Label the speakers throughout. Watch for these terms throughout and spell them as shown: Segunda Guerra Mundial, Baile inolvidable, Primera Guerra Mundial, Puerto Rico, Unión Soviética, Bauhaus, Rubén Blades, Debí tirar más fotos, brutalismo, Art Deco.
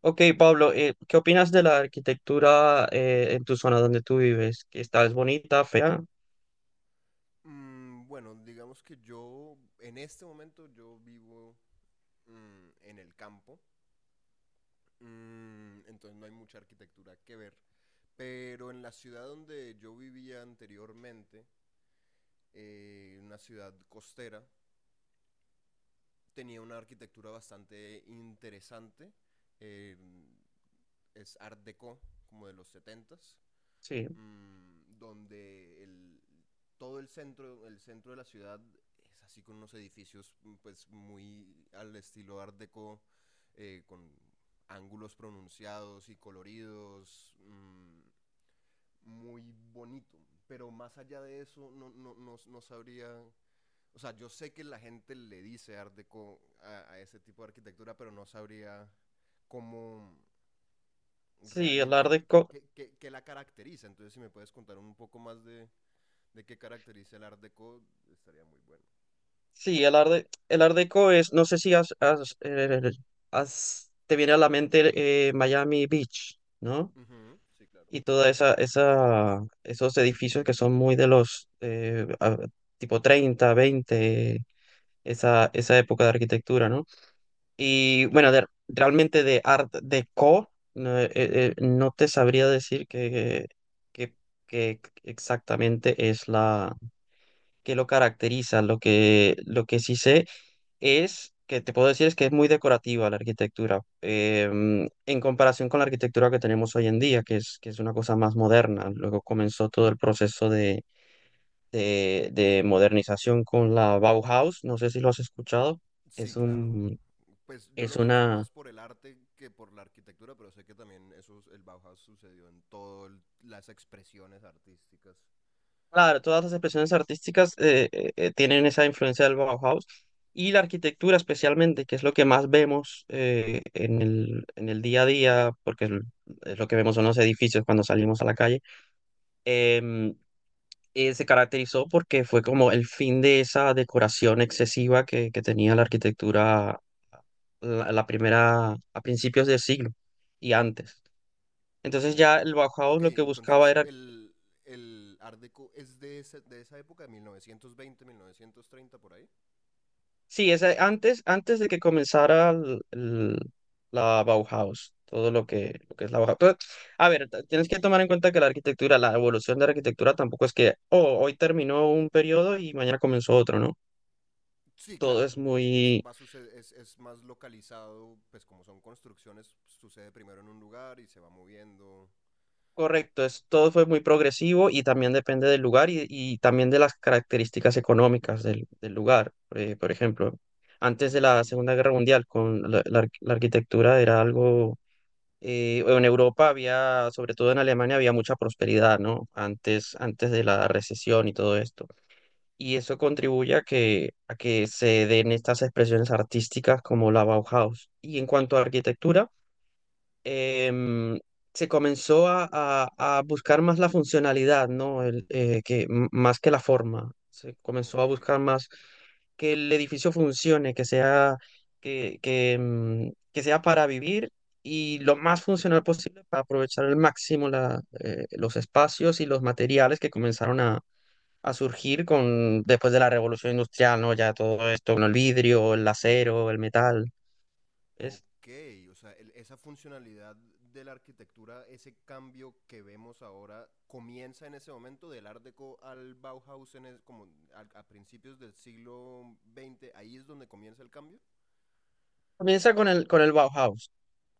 Speaker 1: Ok, Pablo, ¿qué opinas de la arquitectura en tu zona donde tú vives? ¿Que está es bonita, fea?
Speaker 2: Bueno, digamos que yo, en este momento, yo vivo en el campo, entonces no hay mucha arquitectura que ver, pero en la ciudad donde yo vivía anteriormente, una ciudad costera, tenía una arquitectura bastante interesante, eh, es Art Deco, como de los setentas.
Speaker 1: Sí,
Speaker 2: Donde todo el centro de la ciudad es así con unos edificios pues muy al estilo art deco, con ángulos pronunciados y coloridos, muy bonito. Pero más allá de eso, no, no, no, no sabría. O sea, yo sé que la gente le dice art deco a ese tipo de arquitectura, pero no sabría cómo
Speaker 1: sí, el Art
Speaker 2: realmente,
Speaker 1: Deco.
Speaker 2: qué la caracteriza. Entonces, si me puedes contar un poco más de qué caracteriza el Art Deco estaría muy bueno.
Speaker 1: Sí, el Art Deco es, no sé si te viene a la mente Miami Beach, ¿no?
Speaker 2: Ujú. Sí, claro.
Speaker 1: Y toda esos edificios que son muy de los tipo 30, 20, esa época de arquitectura, ¿no? Y bueno, realmente de Art Deco, no, no te sabría decir que, que exactamente es la que lo caracteriza. Lo que sí sé es que te puedo decir es que es muy decorativa la arquitectura, en comparación con la arquitectura que tenemos hoy en día, que es una cosa más moderna. Luego comenzó todo el proceso de modernización con la Bauhaus. No sé si lo has escuchado.
Speaker 2: Sí,
Speaker 1: Es
Speaker 2: claro.
Speaker 1: un,
Speaker 2: Pues yo
Speaker 1: es
Speaker 2: lo conozco
Speaker 1: una.
Speaker 2: más por el arte que por la arquitectura, pero sé que también eso, el Bauhaus sucedió en todas las expresiones artísticas.
Speaker 1: Claro, todas las expresiones artísticas tienen esa influencia del Bauhaus, y la arquitectura especialmente, que es lo que más vemos en en el día a día, porque es lo que vemos son los edificios cuando salimos a la calle. em, Se caracterizó porque fue como el fin de esa decoración excesiva que tenía la arquitectura la primera, a principios del siglo y antes. Entonces
Speaker 2: O-
Speaker 1: ya el Bauhaus
Speaker 2: ok,
Speaker 1: lo que buscaba
Speaker 2: entonces
Speaker 1: era...
Speaker 2: el Art Deco es de esa época, mil novecientos veinte 1930 por ahí.
Speaker 1: Sí, es antes, antes de que comenzara la Bauhaus, todo lo que es la Bauhaus. Pero, a ver, tienes que tomar en cuenta que la arquitectura, la evolución de la arquitectura tampoco es que, oh, hoy terminó un periodo y mañana comenzó otro, ¿no?
Speaker 2: Sí,
Speaker 1: Todo
Speaker 2: claro.
Speaker 1: es
Speaker 2: Eso
Speaker 1: muy...
Speaker 2: va a suceder, es más localizado, pues como son construcciones, sucede primero en un lugar y se va moviendo.
Speaker 1: correcto, es, todo fue muy progresivo y también depende del lugar y también de las características económicas del lugar. Por ejemplo, antes de la
Speaker 2: Mm.
Speaker 1: Segunda Guerra Mundial, con la arquitectura era algo en Europa había, sobre todo en Alemania, había mucha prosperidad, ¿no? Antes, antes de la recesión y todo esto. Y eso contribuye a que se den estas expresiones artísticas como la Bauhaus. Y en cuanto a arquitectura, em, se comenzó a buscar más la funcionalidad, ¿no? El, más que la forma. Se comenzó a
Speaker 2: Ok.
Speaker 1: buscar más que el edificio funcione, que sea, que sea para vivir y lo más funcional posible para aprovechar al máximo la, los espacios y los materiales que comenzaron a surgir con, después de la revolución industrial, ¿no? Ya todo esto, con el vidrio, el acero, el metal. Es-
Speaker 2: Ok, o sea, esa funcionalidad de la arquitectura, ese cambio que vemos ahora, comienza en ese momento del Art Deco al Bauhaus en es- como al- a, principios del siglo veinte. Ahí es donde comienza el cambio.
Speaker 1: Comienza con con el Bauhaus.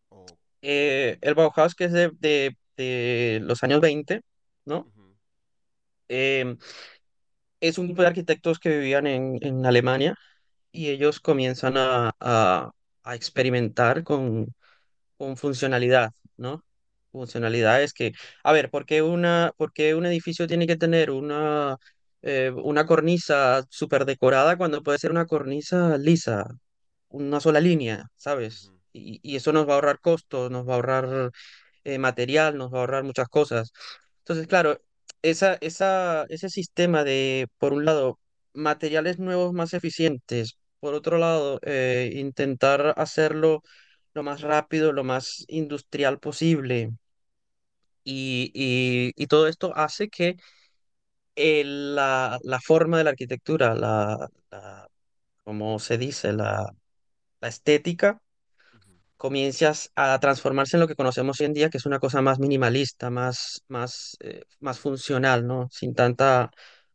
Speaker 2: Ok.
Speaker 1: Eh, el Bauhaus, que es de los años 20, ¿no?
Speaker 2: Ujú,
Speaker 1: Em, es un grupo de arquitectos que vivían en Alemania, y ellos comienzan a experimentar con funcionalidad, ¿no? Funcionalidades que, a ver, ¿por qué por qué un edificio tiene que tener una cornisa súper decorada cuando puede ser una cornisa lisa? Una sola línea,
Speaker 2: ujú,
Speaker 1: ¿sabes? Y eso nos va a ahorrar costos, nos va a ahorrar material, nos va a ahorrar muchas cosas. Entonces, claro, ese sistema de, por un lado, materiales nuevos más eficientes, por otro lado, intentar hacerlo lo más rápido, lo más industrial posible. Y todo esto hace que la, la forma de la arquitectura, como se dice, la estética,
Speaker 2: ujú.
Speaker 1: comienzas a transformarse en lo que conocemos hoy en día, que es una cosa más minimalista, más, más funcional, ¿no? Sin tanta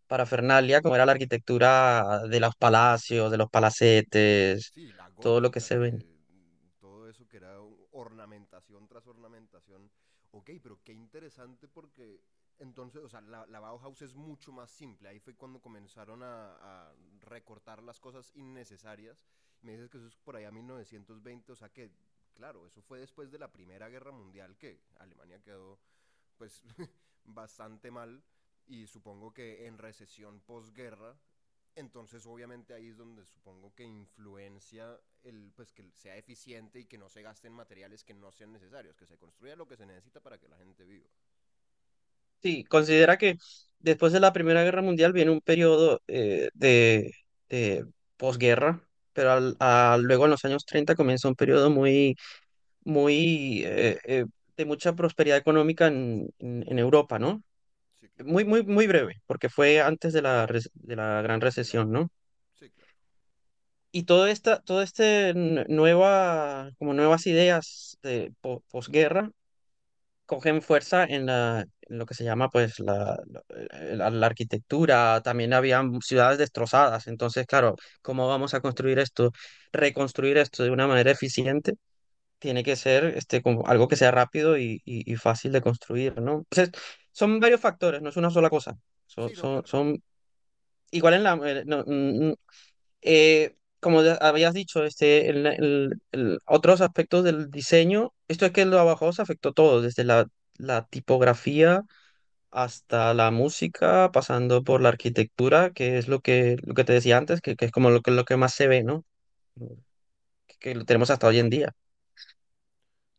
Speaker 1: parafernalia como era la arquitectura de los palacios, de los palacetes,
Speaker 2: Sí, la
Speaker 1: todo lo que
Speaker 2: gótica,
Speaker 1: se ven.
Speaker 2: que todo eso que era ornamentación tras ornamentación. Ok, pero qué interesante porque entonces, o sea, la Bauhaus es mucho más simple. Ahí fue cuando comenzaron a recortar las cosas innecesarias. Me dices que eso es por allá 1920, o sea que, claro, eso fue después de la Primera Guerra Mundial que Alemania quedó pues bastante mal y supongo que en recesión posguerra, entonces obviamente ahí es donde supongo que influencia el pues que sea eficiente y que no se gasten materiales que no sean necesarios, que se construya lo que se necesita para que la gente viva.
Speaker 1: Sí, considera que después de la Primera Guerra Mundial viene un periodo de posguerra. Pero
Speaker 2: Ujú.
Speaker 1: luego en los años 30 comienza un periodo muy, muy eh, eh, de mucha prosperidad económica en, en Europa, ¿no?
Speaker 2: Sí, claro.
Speaker 1: Muy, muy, muy breve, porque fue antes de de la gran
Speaker 2: De la
Speaker 1: recesión, ¿no?
Speaker 2: Sí, claro.
Speaker 1: Y todo este nueva, como nuevas ideas de posguerra cogen fuerza en en lo que se llama, pues, la arquitectura. También habían ciudades destrozadas. Entonces, claro, ¿cómo vamos a construir esto? Reconstruir esto de una manera eficiente tiene que ser este, como algo que sea rápido y fácil de construir, ¿no? Entonces, son varios factores, no es una sola cosa.
Speaker 2: Sí, no, claro.
Speaker 1: Son igual en la... no, mm, mm, como ya habías dicho, este, otros aspectos del diseño, esto es que lo abajo se afectó todo, desde la tipografía hasta la música, pasando por la arquitectura, que es lo que te decía antes, que es como lo que más se ve, ¿no? Que, que lo tenemos hasta hoy en día.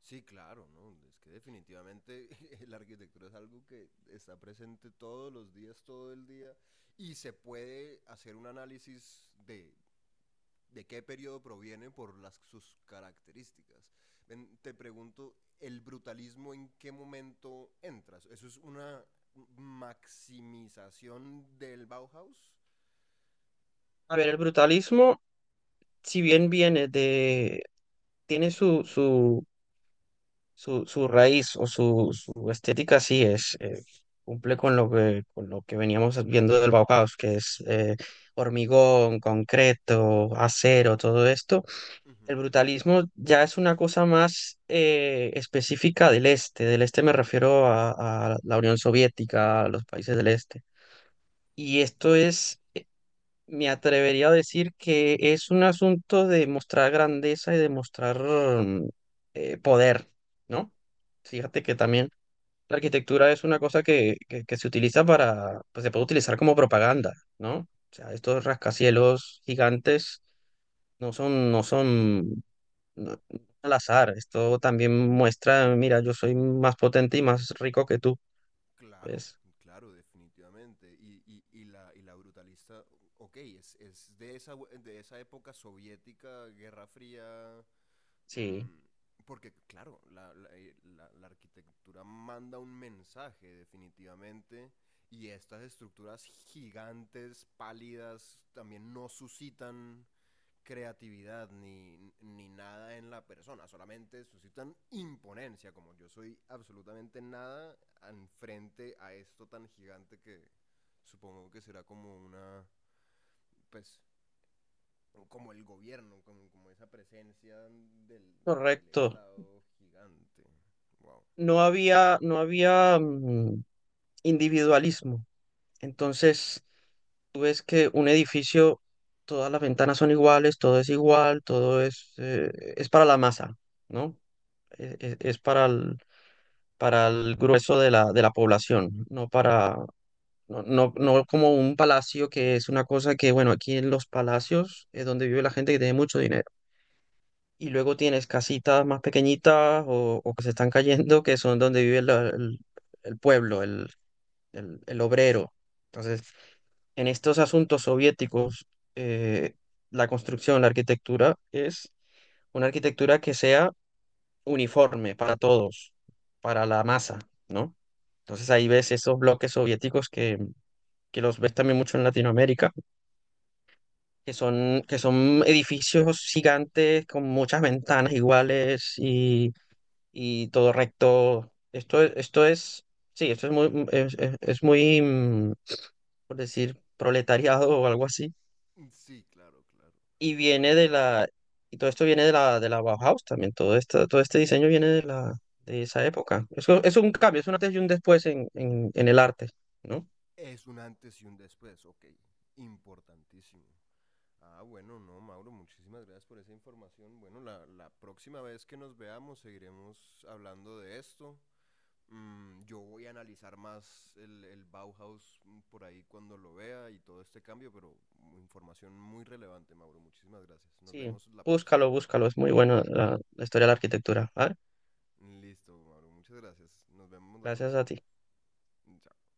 Speaker 2: Sí, claro, ¿no? Es que definitivamente la arquitectura es algo que está presente todos los días, todo el día, y se puede hacer un análisis de qué periodo proviene por sus características. Ven, te pregunto, ¿el brutalismo en qué momento entras? ¿Eso es una maximización del Bauhaus?
Speaker 1: A ver, el brutalismo, si bien viene de... tiene su... Su raíz o su estética sí es, cumple con con lo que veníamos viendo del Bauhaus, que es hormigón, concreto, acero, todo esto.
Speaker 2: Ujú.
Speaker 1: El brutalismo ya es una cosa más específica del este. Del este me refiero a la Unión Soviética, a los países del este. Y esto
Speaker 2: Ok,
Speaker 1: es... me atrevería a decir que es un asunto de mostrar grandeza y de mostrar poder, ¿no? Fíjate que también la arquitectura es una cosa que se utiliza para, pues se puede utilizar como propaganda, ¿no? O sea, estos rascacielos gigantes no son... no- al azar. Esto también muestra, mira, yo soy más potente y más rico que tú.
Speaker 2: claro,
Speaker 1: ¿Ves?
Speaker 2: claro, definitivamente. Y la brutalista, ok, es de esa época soviética, Guerra Fría.
Speaker 1: Sí,
Speaker 2: Mm, porque, claro, la arquitectura manda un mensaje definitivamente y estas estructuras gigantes, pálidas, también no suscitan creatividad ni nada en la persona, solamente suscitan imponencia, como yo soy absolutamente nada en frente a esto tan gigante que supongo que será como una, pues, como el gobierno, como esa presencia del
Speaker 1: correcto.
Speaker 2: Estado gigante. Wow.
Speaker 1: No había, no había individualismo. Entonces, tú ves que un edificio, todas las ventanas son iguales, todo es igual, todo es para la masa, ¿no? Es, para el grueso de de la población, no para, no, no, no como un palacio que es una cosa que, bueno, aquí en los palacios es donde vive la gente que tiene mucho dinero. Y luego tienes casitas más pequeñitas o que se están cayendo, que son donde vive el pueblo, el obrero. Entonces, en estos asuntos soviéticos, eh, la construcción, la arquitectura es una arquitectura que sea uniforme para todos, para la masa, ¿no? Entonces ahí ves esos bloques soviéticos que los ves también mucho en Latinoamérica, que son edificios gigantes con muchas ventanas iguales todo recto. Esto, esto es, sí, esto es muy, es muy, por decir, proletariado o algo así.
Speaker 2: Sí, claro, claro.
Speaker 1: y
Speaker 2: Bueno,
Speaker 1: viene de
Speaker 2: claro,
Speaker 1: la, y todo esto viene de de la Bauhaus también, todo esto, todo este diseño viene de de esa época. Es un cambio, es un antes y un después en, en el arte, ¿no?
Speaker 2: es un antes y un después, ok. Importantísimo. Ah, bueno, no, Mauro, muchísimas gracias por esa información. Bueno, la próxima vez que nos veamos seguiremos hablando de esto. Yo voy a analizar más el Bauhaus por ahí cuando lo vea y todo este cambio, pero información muy relevante, Mauro. Muchísimas gracias. Nos
Speaker 1: Sí,
Speaker 2: vemos la próxima.
Speaker 1: búscalo, búscalo, es muy bueno la historia de la arquitectura. ¿Vale?
Speaker 2: Listo, Mauro. Muchas gracias. Nos vemos la
Speaker 1: Gracias a
Speaker 2: próxima.
Speaker 1: ti.
Speaker 2: Chao.